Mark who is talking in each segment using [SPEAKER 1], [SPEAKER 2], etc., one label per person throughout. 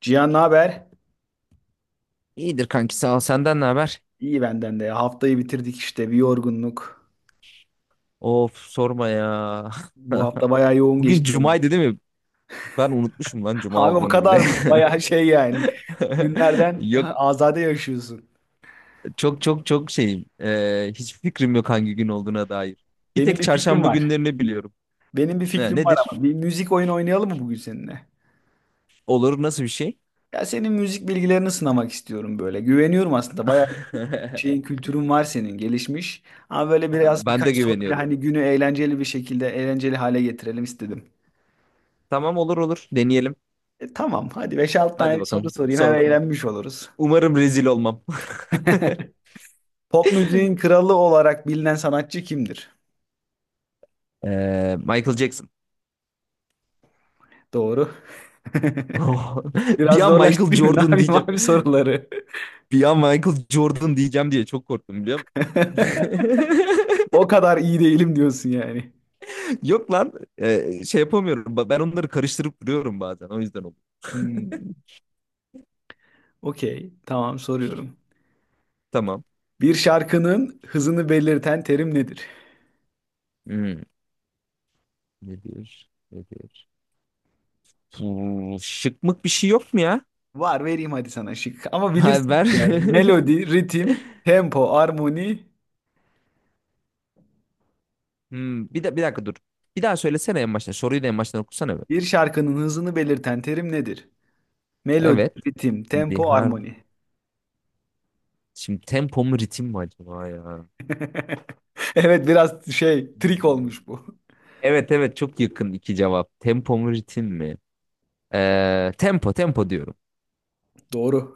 [SPEAKER 1] Cihan ne haber?
[SPEAKER 2] İyidir kanki sağ ol. Senden ne haber?
[SPEAKER 1] İyi benden de. Haftayı bitirdik işte bir yorgunluk.
[SPEAKER 2] Of sorma ya.
[SPEAKER 1] Bu hafta bayağı yoğun
[SPEAKER 2] Bugün
[SPEAKER 1] geçti benim.
[SPEAKER 2] cumaydı değil mi? Ben unutmuşum lan cuma
[SPEAKER 1] Abi o
[SPEAKER 2] olduğunu bile.
[SPEAKER 1] kadar mı? Bayağı şey yani. Günlerden
[SPEAKER 2] Yok
[SPEAKER 1] azade yaşıyorsun.
[SPEAKER 2] çok çok çok şeyim. Hiçbir fikrim yok hangi gün olduğuna dair. Bir
[SPEAKER 1] Benim
[SPEAKER 2] tek
[SPEAKER 1] bir fikrim
[SPEAKER 2] çarşamba
[SPEAKER 1] var.
[SPEAKER 2] günlerini biliyorum.
[SPEAKER 1] Benim bir fikrim var
[SPEAKER 2] Nedir?
[SPEAKER 1] ama. Bir müzik oyunu oynayalım mı bugün seninle?
[SPEAKER 2] Olur, nasıl bir şey?
[SPEAKER 1] Ya senin müzik bilgilerini sınamak istiyorum böyle. Güveniyorum aslında. Bayağı bir şeyin kültürün var senin gelişmiş. Ama böyle biraz
[SPEAKER 2] Ben de
[SPEAKER 1] birkaç soruyla
[SPEAKER 2] güveniyorum.
[SPEAKER 1] hani günü eğlenceli bir şekilde eğlenceli hale getirelim istedim.
[SPEAKER 2] Tamam, olur olur deneyelim.
[SPEAKER 1] Tamam hadi beş 6 tane
[SPEAKER 2] Hadi
[SPEAKER 1] soru
[SPEAKER 2] bakalım
[SPEAKER 1] sorayım hem
[SPEAKER 2] sorun.
[SPEAKER 1] eğlenmiş oluruz.
[SPEAKER 2] Umarım rezil olmam.
[SPEAKER 1] Pop müziğin kralı olarak bilinen sanatçı kimdir?
[SPEAKER 2] Michael Jackson.
[SPEAKER 1] Doğru.
[SPEAKER 2] Bir
[SPEAKER 1] Biraz
[SPEAKER 2] an Michael
[SPEAKER 1] zorlaştırayım mı? Ne
[SPEAKER 2] Jordan
[SPEAKER 1] yapayım
[SPEAKER 2] diyeceğim.
[SPEAKER 1] abi soruları?
[SPEAKER 2] Bir an Michael Jordan diyeceğim diye çok korktum, biliyor musun?
[SPEAKER 1] O kadar iyi değilim diyorsun yani.
[SPEAKER 2] Yok lan. Şey yapamıyorum. Ben onları karıştırıp duruyorum bazen. O yüzden oldu.
[SPEAKER 1] Hmm. Okey. Tamam soruyorum.
[SPEAKER 2] Tamam.
[SPEAKER 1] Bir şarkının hızını belirten terim nedir?
[SPEAKER 2] Hmm. Nedir? Nedir? Hmm, şıkmık bir şey yok mu ya?
[SPEAKER 1] Var vereyim hadi sana şık. Ama
[SPEAKER 2] Ha, ver.
[SPEAKER 1] bilirsin yani. Melodi, ritim, tempo, armoni.
[SPEAKER 2] Hmm, bir de bir dakika dur. Bir daha söylesene en baştan. Soruyu da en baştan okusana be.
[SPEAKER 1] Bir şarkının hızını belirten terim nedir? Melodi,
[SPEAKER 2] Evet.
[SPEAKER 1] ritim,
[SPEAKER 2] Hadi,
[SPEAKER 1] tempo, armoni.
[SPEAKER 2] şimdi tempo mu ritim mi acaba ya?
[SPEAKER 1] Evet biraz şey trik
[SPEAKER 2] Hmm.
[SPEAKER 1] olmuş bu.
[SPEAKER 2] Evet evet, çok yakın iki cevap. Tempo mu ritim mi? Tempo, tempo diyorum.
[SPEAKER 1] Doğru.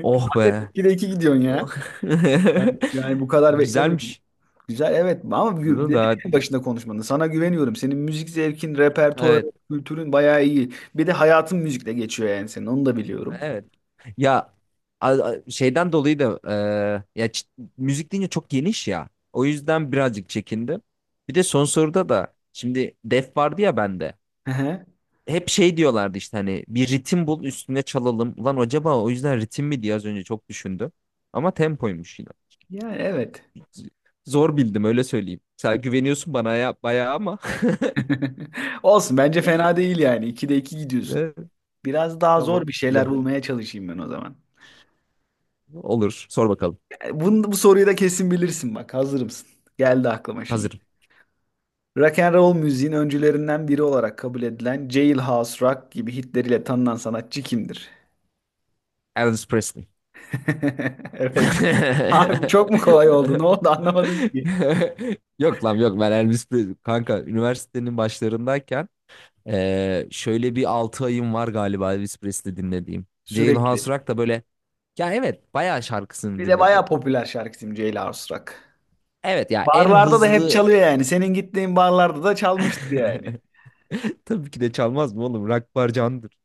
[SPEAKER 2] Oh be.
[SPEAKER 1] İki de iki gidiyorsun
[SPEAKER 2] Oh.
[SPEAKER 1] ya. Ben yani bu kadar beklemiyordum.
[SPEAKER 2] Güzelmiş.
[SPEAKER 1] Güzel evet ama gü-
[SPEAKER 2] Bunu
[SPEAKER 1] dedim
[SPEAKER 2] da
[SPEAKER 1] en başında konuşmanı. Sana güveniyorum. Senin müzik zevkin,
[SPEAKER 2] evet,
[SPEAKER 1] repertuarın, kültürün bayağı iyi. Bir de hayatın müzikle geçiyor yani senin. Onu da biliyorum.
[SPEAKER 2] evet. Ya şeyden dolayı da, e, ya çi- müzik deyince çok geniş ya. O yüzden birazcık çekindim. Bir de son soruda da şimdi def vardı ya bende.
[SPEAKER 1] Hı hı.
[SPEAKER 2] Hep şey diyorlardı, işte hani bir ritim bul üstüne çalalım. Ulan acaba o yüzden ritim mi diye az önce çok düşündüm. Ama tempoymuş yine.
[SPEAKER 1] Yani evet.
[SPEAKER 2] Z- Zor bildim, öyle söyleyeyim. Sen güveniyorsun bana ya bayağı ama.
[SPEAKER 1] Olsun bence fena değil yani. İki de iki gidiyorsun.
[SPEAKER 2] Evet.
[SPEAKER 1] Biraz daha zor
[SPEAKER 2] Tamam.
[SPEAKER 1] bir şeyler
[SPEAKER 2] Güzel.
[SPEAKER 1] bulmaya çalışayım ben o zaman.
[SPEAKER 2] Olur. Sor bakalım.
[SPEAKER 1] Bunu, bu soruyu da kesin bilirsin bak. Hazır mısın? Geldi aklıma şimdi.
[SPEAKER 2] Hazırım.
[SPEAKER 1] Rock and roll müziğin öncülerinden biri olarak kabul edilen Jailhouse Rock gibi hitleriyle tanınan sanatçı kimdir?
[SPEAKER 2] Elvis Presley.
[SPEAKER 1] Evet. Abi bu çok mu kolay oldu? Ne oldu anlamadım ki.
[SPEAKER 2] Yok lan, yok. Ben Elvis Presley, kanka, üniversitenin başlarındayken şöyle bir 6 ayım var galiba Elvis Presley dinlediğim. Jailhouse
[SPEAKER 1] Sürekli.
[SPEAKER 2] Rock da böyle, ya evet, bayağı şarkısını
[SPEAKER 1] Bir de
[SPEAKER 2] dinledim.
[SPEAKER 1] bayağı popüler şarkısı Jailhouse Rock.
[SPEAKER 2] Evet ya, en
[SPEAKER 1] Barlarda da hep
[SPEAKER 2] hızlı.
[SPEAKER 1] çalıyor yani. Senin gittiğin barlarda da çalmıştır yani.
[SPEAKER 2] Tabii ki de çalmaz mı oğlum? Rock barcandır.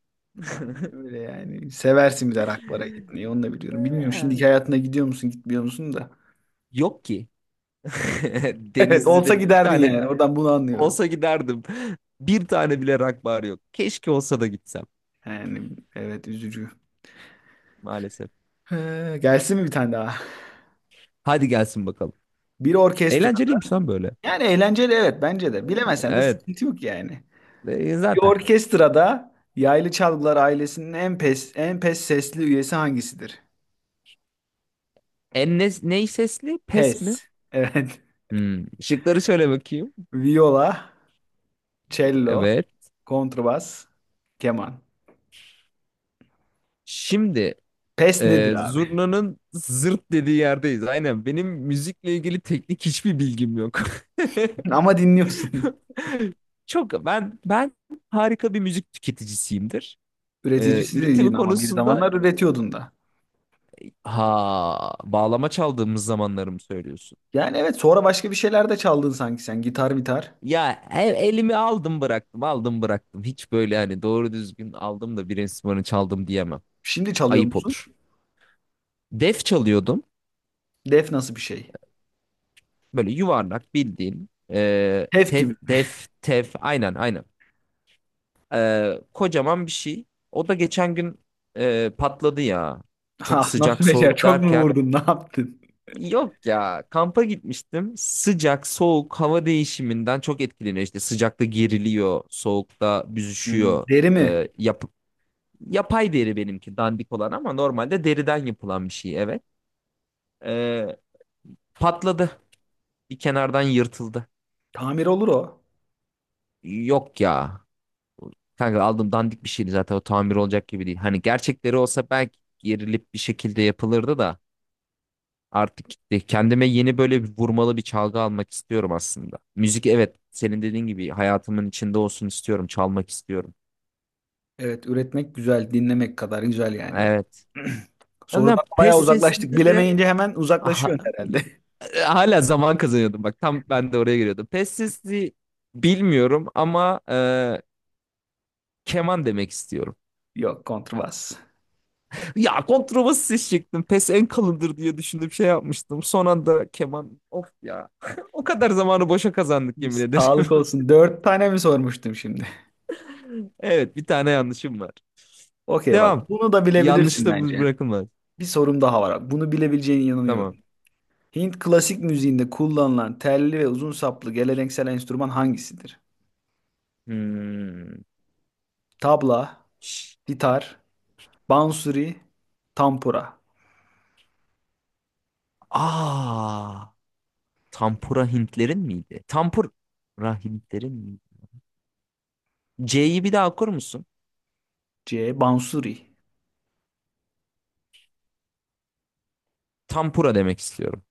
[SPEAKER 1] Aynen öyle yani. Seversin bir de rock'lara gitmeyi. Onu da biliyorum. Bilmiyorum şimdiki hayatına gidiyor musun, gitmiyor musun da.
[SPEAKER 2] Yok ki.
[SPEAKER 1] Evet, olsa
[SPEAKER 2] Denizli'de bir
[SPEAKER 1] giderdin
[SPEAKER 2] tane.
[SPEAKER 1] yani. Oradan bunu anlıyorum.
[SPEAKER 2] Olsa giderdim. Bir tane bile rock bar yok. Keşke olsa da gitsem,
[SPEAKER 1] Yani evet üzücü.
[SPEAKER 2] maalesef.
[SPEAKER 1] Gelsin mi bir tane daha?
[SPEAKER 2] Hadi gelsin bakalım.
[SPEAKER 1] Bir orkestrada.
[SPEAKER 2] Eğlenceliymiş lan böyle.
[SPEAKER 1] Yani eğlenceli evet bence de. Bilemesen de
[SPEAKER 2] Evet,
[SPEAKER 1] sıkıntı yok yani. Bir
[SPEAKER 2] zaten.
[SPEAKER 1] orkestrada yaylı çalgılar ailesinin en pes en pes sesli üyesi hangisidir?
[SPEAKER 2] En ne, ney sesli? Pes mi?
[SPEAKER 1] Pes. Evet.
[SPEAKER 2] Hmm. Şıkları şöyle bakayım.
[SPEAKER 1] Viola, cello,
[SPEAKER 2] Evet.
[SPEAKER 1] kontrbas, keman.
[SPEAKER 2] Şimdi
[SPEAKER 1] Pes nedir abi?
[SPEAKER 2] zurnanın zırt dediği yerdeyiz. Aynen. Benim müzikle ilgili teknik hiçbir bilgim yok.
[SPEAKER 1] Ama dinliyorsun.
[SPEAKER 2] Çok ben harika bir müzik tüketicisiyimdir. E,
[SPEAKER 1] Üreticisi dediğin
[SPEAKER 2] üretimi
[SPEAKER 1] ama bir
[SPEAKER 2] konusunda.
[SPEAKER 1] zamanlar üretiyordun da.
[SPEAKER 2] Ha, bağlama çaldığımız zamanları mı söylüyorsun?
[SPEAKER 1] Yani evet sonra başka bir şeyler de çaldın sanki sen. Gitar, gitar.
[SPEAKER 2] Ya e- elimi aldım bıraktım, aldım bıraktım. Hiç böyle hani doğru düzgün aldım da bir enstrümanı çaldım diyemem.
[SPEAKER 1] Şimdi çalıyor
[SPEAKER 2] Ayıp
[SPEAKER 1] musun?
[SPEAKER 2] olur. Def çalıyordum.
[SPEAKER 1] Def nasıl bir şey?
[SPEAKER 2] Böyle yuvarlak bildiğin. E,
[SPEAKER 1] Hef
[SPEAKER 2] tef,
[SPEAKER 1] gibi mi?
[SPEAKER 2] def, tef. Aynen aynen. E, kocaman bir şey. O da geçen gün patladı ya. Çok
[SPEAKER 1] Ah
[SPEAKER 2] sıcak
[SPEAKER 1] nasıl becer?
[SPEAKER 2] soğuk
[SPEAKER 1] Çok mu
[SPEAKER 2] derken,
[SPEAKER 1] vurdun? Ne yaptın?
[SPEAKER 2] yok ya, kampa gitmiştim. Sıcak, soğuk, hava değişiminden çok etkileniyor. İşte sıcakta geriliyor, soğukta
[SPEAKER 1] Hmm,
[SPEAKER 2] büzüşüyor.
[SPEAKER 1] deri mi?
[SPEAKER 2] Ee, yap yapay deri benimki, dandik olan, ama normalde deriden yapılan bir şey, evet. Ee, patladı. Bir kenardan yırtıldı.
[SPEAKER 1] Tamir olur o.
[SPEAKER 2] Yok ya. Kanka, aldım, dandik bir şeydi zaten, o tamir olacak gibi değil. Hani gerçekleri olsa belki gerilip bir şekilde yapılırdı da. Artık gitti. Kendime yeni böyle bir vurmalı bir çalgı almak istiyorum aslında. Müzik, evet, senin dediğin gibi hayatımın içinde olsun istiyorum. Çalmak istiyorum.
[SPEAKER 1] Evet, üretmek güzel, dinlemek kadar güzel yani. Be.
[SPEAKER 2] Evet. Ama
[SPEAKER 1] Sorudan
[SPEAKER 2] pes
[SPEAKER 1] bayağı
[SPEAKER 2] sesli
[SPEAKER 1] uzaklaştık.
[SPEAKER 2] de,
[SPEAKER 1] Bilemeyince hemen
[SPEAKER 2] aha,
[SPEAKER 1] uzaklaşıyorsun herhalde.
[SPEAKER 2] hala zaman kazanıyordum. Bak tam ben de oraya giriyordum. Pes sesli bilmiyorum ama keman demek istiyorum.
[SPEAKER 1] Yok, kontrbas.
[SPEAKER 2] Ya kontrabas ses çektim. Pes en kalındır diye düşündüm, şey yapmıştım. Son anda keman. Of ya. O kadar zamanı boşa kazandık, yemin ederim.
[SPEAKER 1] Sağlık olsun. Dört tane mi sormuştum şimdi?
[SPEAKER 2] Evet, bir tane yanlışım var.
[SPEAKER 1] Okey bak,
[SPEAKER 2] Devam.
[SPEAKER 1] bunu da
[SPEAKER 2] Yanlış
[SPEAKER 1] bilebilirsin
[SPEAKER 2] da
[SPEAKER 1] bence.
[SPEAKER 2] bırakılmaz.
[SPEAKER 1] Bir sorum daha var. Bunu bilebileceğine inanıyorum.
[SPEAKER 2] Tamam.
[SPEAKER 1] Hint klasik müziğinde kullanılan telli ve uzun saplı geleneksel enstrüman hangisidir?
[SPEAKER 2] Hmm.
[SPEAKER 1] Tabla, gitar, bansuri, tampura.
[SPEAKER 2] Aa, Tampura Hintlerin miydi? Tampura Hintlerin miydi? C'yi bir daha okur musun?
[SPEAKER 1] C. Bansuri.
[SPEAKER 2] Tampura demek istiyorum.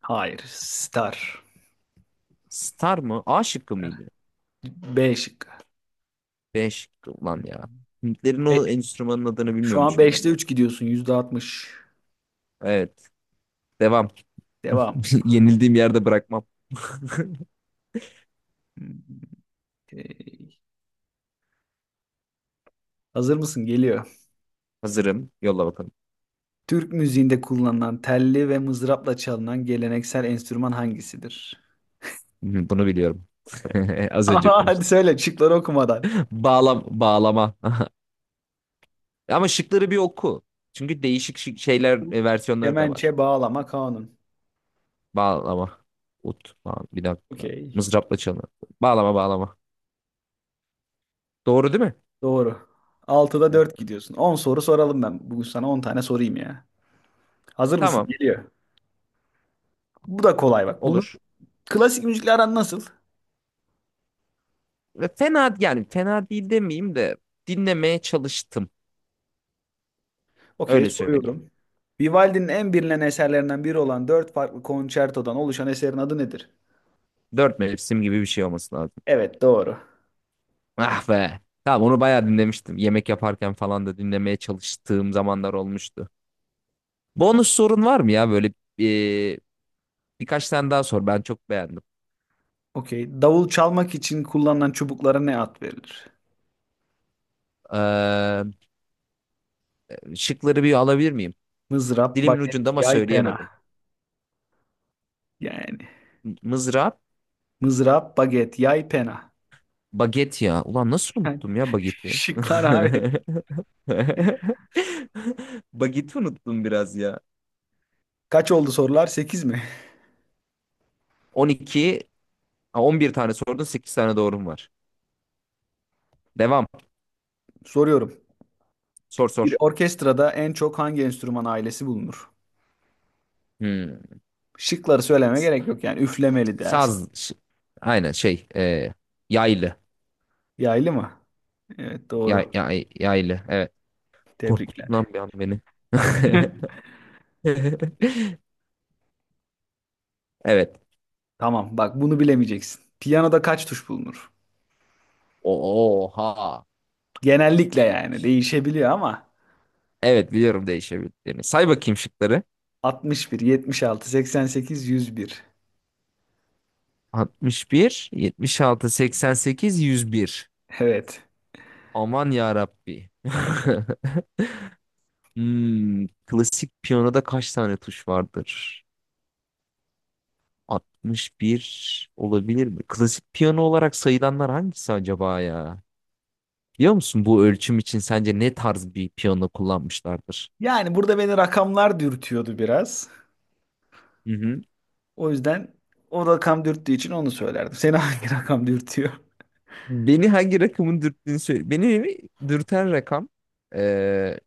[SPEAKER 1] Hayır. Star.
[SPEAKER 2] Star mı? A şıkkı mıydı?
[SPEAKER 1] B şıkkı.
[SPEAKER 2] B şıkkı lan ya. Hintlerin
[SPEAKER 1] E,
[SPEAKER 2] o enstrümanın adını
[SPEAKER 1] şu an
[SPEAKER 2] bilmiyormuşum
[SPEAKER 1] beşte
[SPEAKER 2] bak.
[SPEAKER 1] 3 gidiyorsun. %60.
[SPEAKER 2] Evet. Devam.
[SPEAKER 1] Devam.
[SPEAKER 2] Yenildiğim yerde bırakmam.
[SPEAKER 1] E, hazır mısın? Geliyor.
[SPEAKER 2] Hazırım. Yolla bakalım.
[SPEAKER 1] Türk müziğinde kullanılan telli ve mızrapla çalınan geleneksel enstrüman hangisidir?
[SPEAKER 2] Hı, bunu biliyorum. Az önce
[SPEAKER 1] Ama hadi
[SPEAKER 2] konuştum.
[SPEAKER 1] söyle şıkları okumadan.
[SPEAKER 2] Bağlam, bağlama. E ama şıkları bir oku. Çünkü değişik şeyler, versiyonları da var.
[SPEAKER 1] Kemençe, bağlama, kanun.
[SPEAKER 2] Bağlama. Ut. Bağ, bir dakika.
[SPEAKER 1] Okey.
[SPEAKER 2] Mızrapla çalı. Bağlama, bağlama. Doğru değil mi?
[SPEAKER 1] Doğru. Altıda
[SPEAKER 2] Ha.
[SPEAKER 1] dört gidiyorsun. 10 soru soralım ben. Bugün sana 10 tane sorayım ya. Hazır mısın?
[SPEAKER 2] Tamam.
[SPEAKER 1] Geliyor. Bu da kolay bak. Bunu
[SPEAKER 2] Olur.
[SPEAKER 1] klasik müzikle aran nasıl?
[SPEAKER 2] Ve fena, yani fena değil demeyeyim de, dinlemeye çalıştım.
[SPEAKER 1] Okey
[SPEAKER 2] Öyle
[SPEAKER 1] soruyorum.
[SPEAKER 2] söyleyeyim.
[SPEAKER 1] Vivaldi'nin en bilinen eserlerinden biri olan dört farklı konçertodan oluşan eserin adı nedir?
[SPEAKER 2] Dört mevsim gibi bir şey olması lazım.
[SPEAKER 1] Evet doğru.
[SPEAKER 2] Ah be. Tamam, onu bayağı dinlemiştim. Yemek yaparken falan da dinlemeye çalıştığım zamanlar olmuştu. Bonus sorun var mı ya, böyle e, birkaç tane daha sor. Ben çok beğendim.
[SPEAKER 1] Okey. Davul çalmak için kullanılan çubuklara ne ad verilir?
[SPEAKER 2] Ee, Şıkları bir alabilir miyim?
[SPEAKER 1] Mızrap,
[SPEAKER 2] Dilimin
[SPEAKER 1] baget,
[SPEAKER 2] ucunda ama
[SPEAKER 1] yay, pena.
[SPEAKER 2] söyleyemedim.
[SPEAKER 1] Yani
[SPEAKER 2] Mızrap,
[SPEAKER 1] mızrap, baget, yay, pena.
[SPEAKER 2] baget ya. Ulan nasıl
[SPEAKER 1] Yani,
[SPEAKER 2] unuttum ya bageti?
[SPEAKER 1] şıklar abi.
[SPEAKER 2] Bageti unuttum biraz ya.
[SPEAKER 1] Kaç oldu sorular? 8 mi?
[SPEAKER 2] 12, ha, 11 tane sordun, 8 tane doğrum var. Devam.
[SPEAKER 1] Soruyorum.
[SPEAKER 2] Sor
[SPEAKER 1] Bir
[SPEAKER 2] sor.
[SPEAKER 1] orkestrada en çok hangi enstrüman ailesi bulunur?
[SPEAKER 2] Hmm.
[SPEAKER 1] Şıkları söylemeye
[SPEAKER 2] S-
[SPEAKER 1] gerek yok yani. Üflemeli dersin.
[SPEAKER 2] Saz. Aynen şey. Yaylı.
[SPEAKER 1] Yaylı mı? Evet doğru.
[SPEAKER 2] Yaylı. Evet. Korkuttun
[SPEAKER 1] Tebrikler.
[SPEAKER 2] lan bir an beni. Evet.
[SPEAKER 1] Tamam bak bunu bilemeyeceksin. Piyanoda kaç tuş bulunur?
[SPEAKER 2] Oha.
[SPEAKER 1] Genellikle yani değişebiliyor ama
[SPEAKER 2] Evet, biliyorum değişebildiğini. Say bakayım şıkları.
[SPEAKER 1] 61, 76, 88, 101.
[SPEAKER 2] 61, 76, 88, 101.
[SPEAKER 1] Evet.
[SPEAKER 2] Aman ya Rabbi. Hmm, klasik piyanoda kaç tane tuş vardır? 61 olabilir mi? Klasik piyano olarak sayılanlar hangisi acaba ya? Biliyor musun bu ölçüm için sence ne tarz bir piyano kullanmışlardır?
[SPEAKER 1] Yani burada beni rakamlar dürtüyordu biraz.
[SPEAKER 2] Hı hı.
[SPEAKER 1] O yüzden o rakam dürttüğü için onu söylerdim. Seni hangi rakam dürtüyor?
[SPEAKER 2] Beni hangi rakamın dürttüğünü söyle. Beni dürten rakam eee,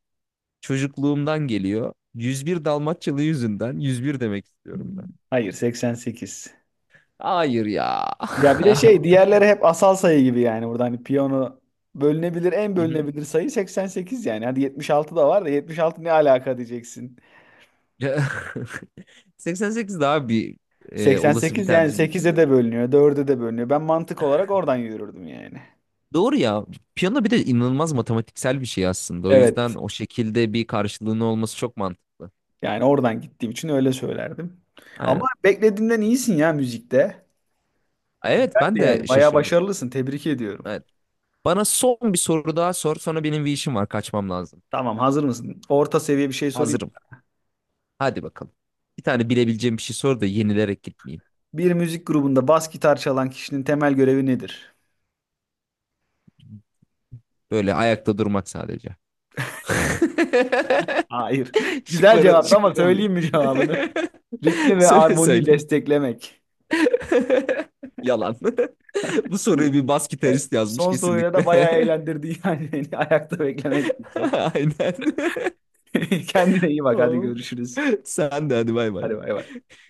[SPEAKER 2] çocukluğumdan geliyor. 101 Dalmaçyalı yüzünden 101 demek istiyorum ben.
[SPEAKER 1] Hayır 88.
[SPEAKER 2] Hayır ya.
[SPEAKER 1] Ya bir de şey diğerleri hep asal sayı gibi yani burada hani piyano bölünebilir en
[SPEAKER 2] Hı hı.
[SPEAKER 1] bölünebilir sayı 88 yani. Hadi 76 da var da 76 ne alaka diyeceksin.
[SPEAKER 2] 88 daha bir olası bir
[SPEAKER 1] 88 yani
[SPEAKER 2] tercihmiş,
[SPEAKER 1] 8'e
[SPEAKER 2] evet.
[SPEAKER 1] de bölünüyor, dörde de bölünüyor. Ben mantık olarak oradan yürürdüm yani.
[SPEAKER 2] Doğru ya. Piyano bir de inanılmaz matematiksel bir şey aslında. O yüzden
[SPEAKER 1] Evet.
[SPEAKER 2] o şekilde bir karşılığının olması çok mantıklı.
[SPEAKER 1] Yani oradan gittiğim için öyle söylerdim. Ama
[SPEAKER 2] Aynen.
[SPEAKER 1] beklediğimden iyisin ya müzikte.
[SPEAKER 2] Evet, ben
[SPEAKER 1] Geldi
[SPEAKER 2] de
[SPEAKER 1] yani bayağı
[SPEAKER 2] şaşırdım.
[SPEAKER 1] başarılısın. Tebrik ediyorum.
[SPEAKER 2] Evet. Bana son bir soru daha sor. Sonra benim bir işim var, kaçmam lazım.
[SPEAKER 1] Tamam, hazır mısın? Orta seviye bir şey sorayım.
[SPEAKER 2] Hazırım. Hadi bakalım. Bir tane bilebileceğim bir şey sor da yenilerek gitmeyeyim.
[SPEAKER 1] Bir müzik grubunda bas gitar çalan kişinin temel görevi nedir?
[SPEAKER 2] Böyle ayakta durmak sadece.
[SPEAKER 1] Hayır. Güzel
[SPEAKER 2] Şıkları,
[SPEAKER 1] cevaptı ama
[SPEAKER 2] şıkları alayım.
[SPEAKER 1] söyleyeyim mi cevabını? Ritmi ve
[SPEAKER 2] Söyle
[SPEAKER 1] armoniyi
[SPEAKER 2] söyle.
[SPEAKER 1] desteklemek.
[SPEAKER 2] Yalan. Bu soruyu bir bas
[SPEAKER 1] Evet.
[SPEAKER 2] gitarist yazmış
[SPEAKER 1] Son soruyla da
[SPEAKER 2] kesinlikle.
[SPEAKER 1] bayağı eğlendirdi yani beni ayakta beklemek.
[SPEAKER 2] Aynen.
[SPEAKER 1] Kendine iyi bak hadi
[SPEAKER 2] Oh.
[SPEAKER 1] görüşürüz.
[SPEAKER 2] Sen de hadi, bay bay.
[SPEAKER 1] Hadi bay bay.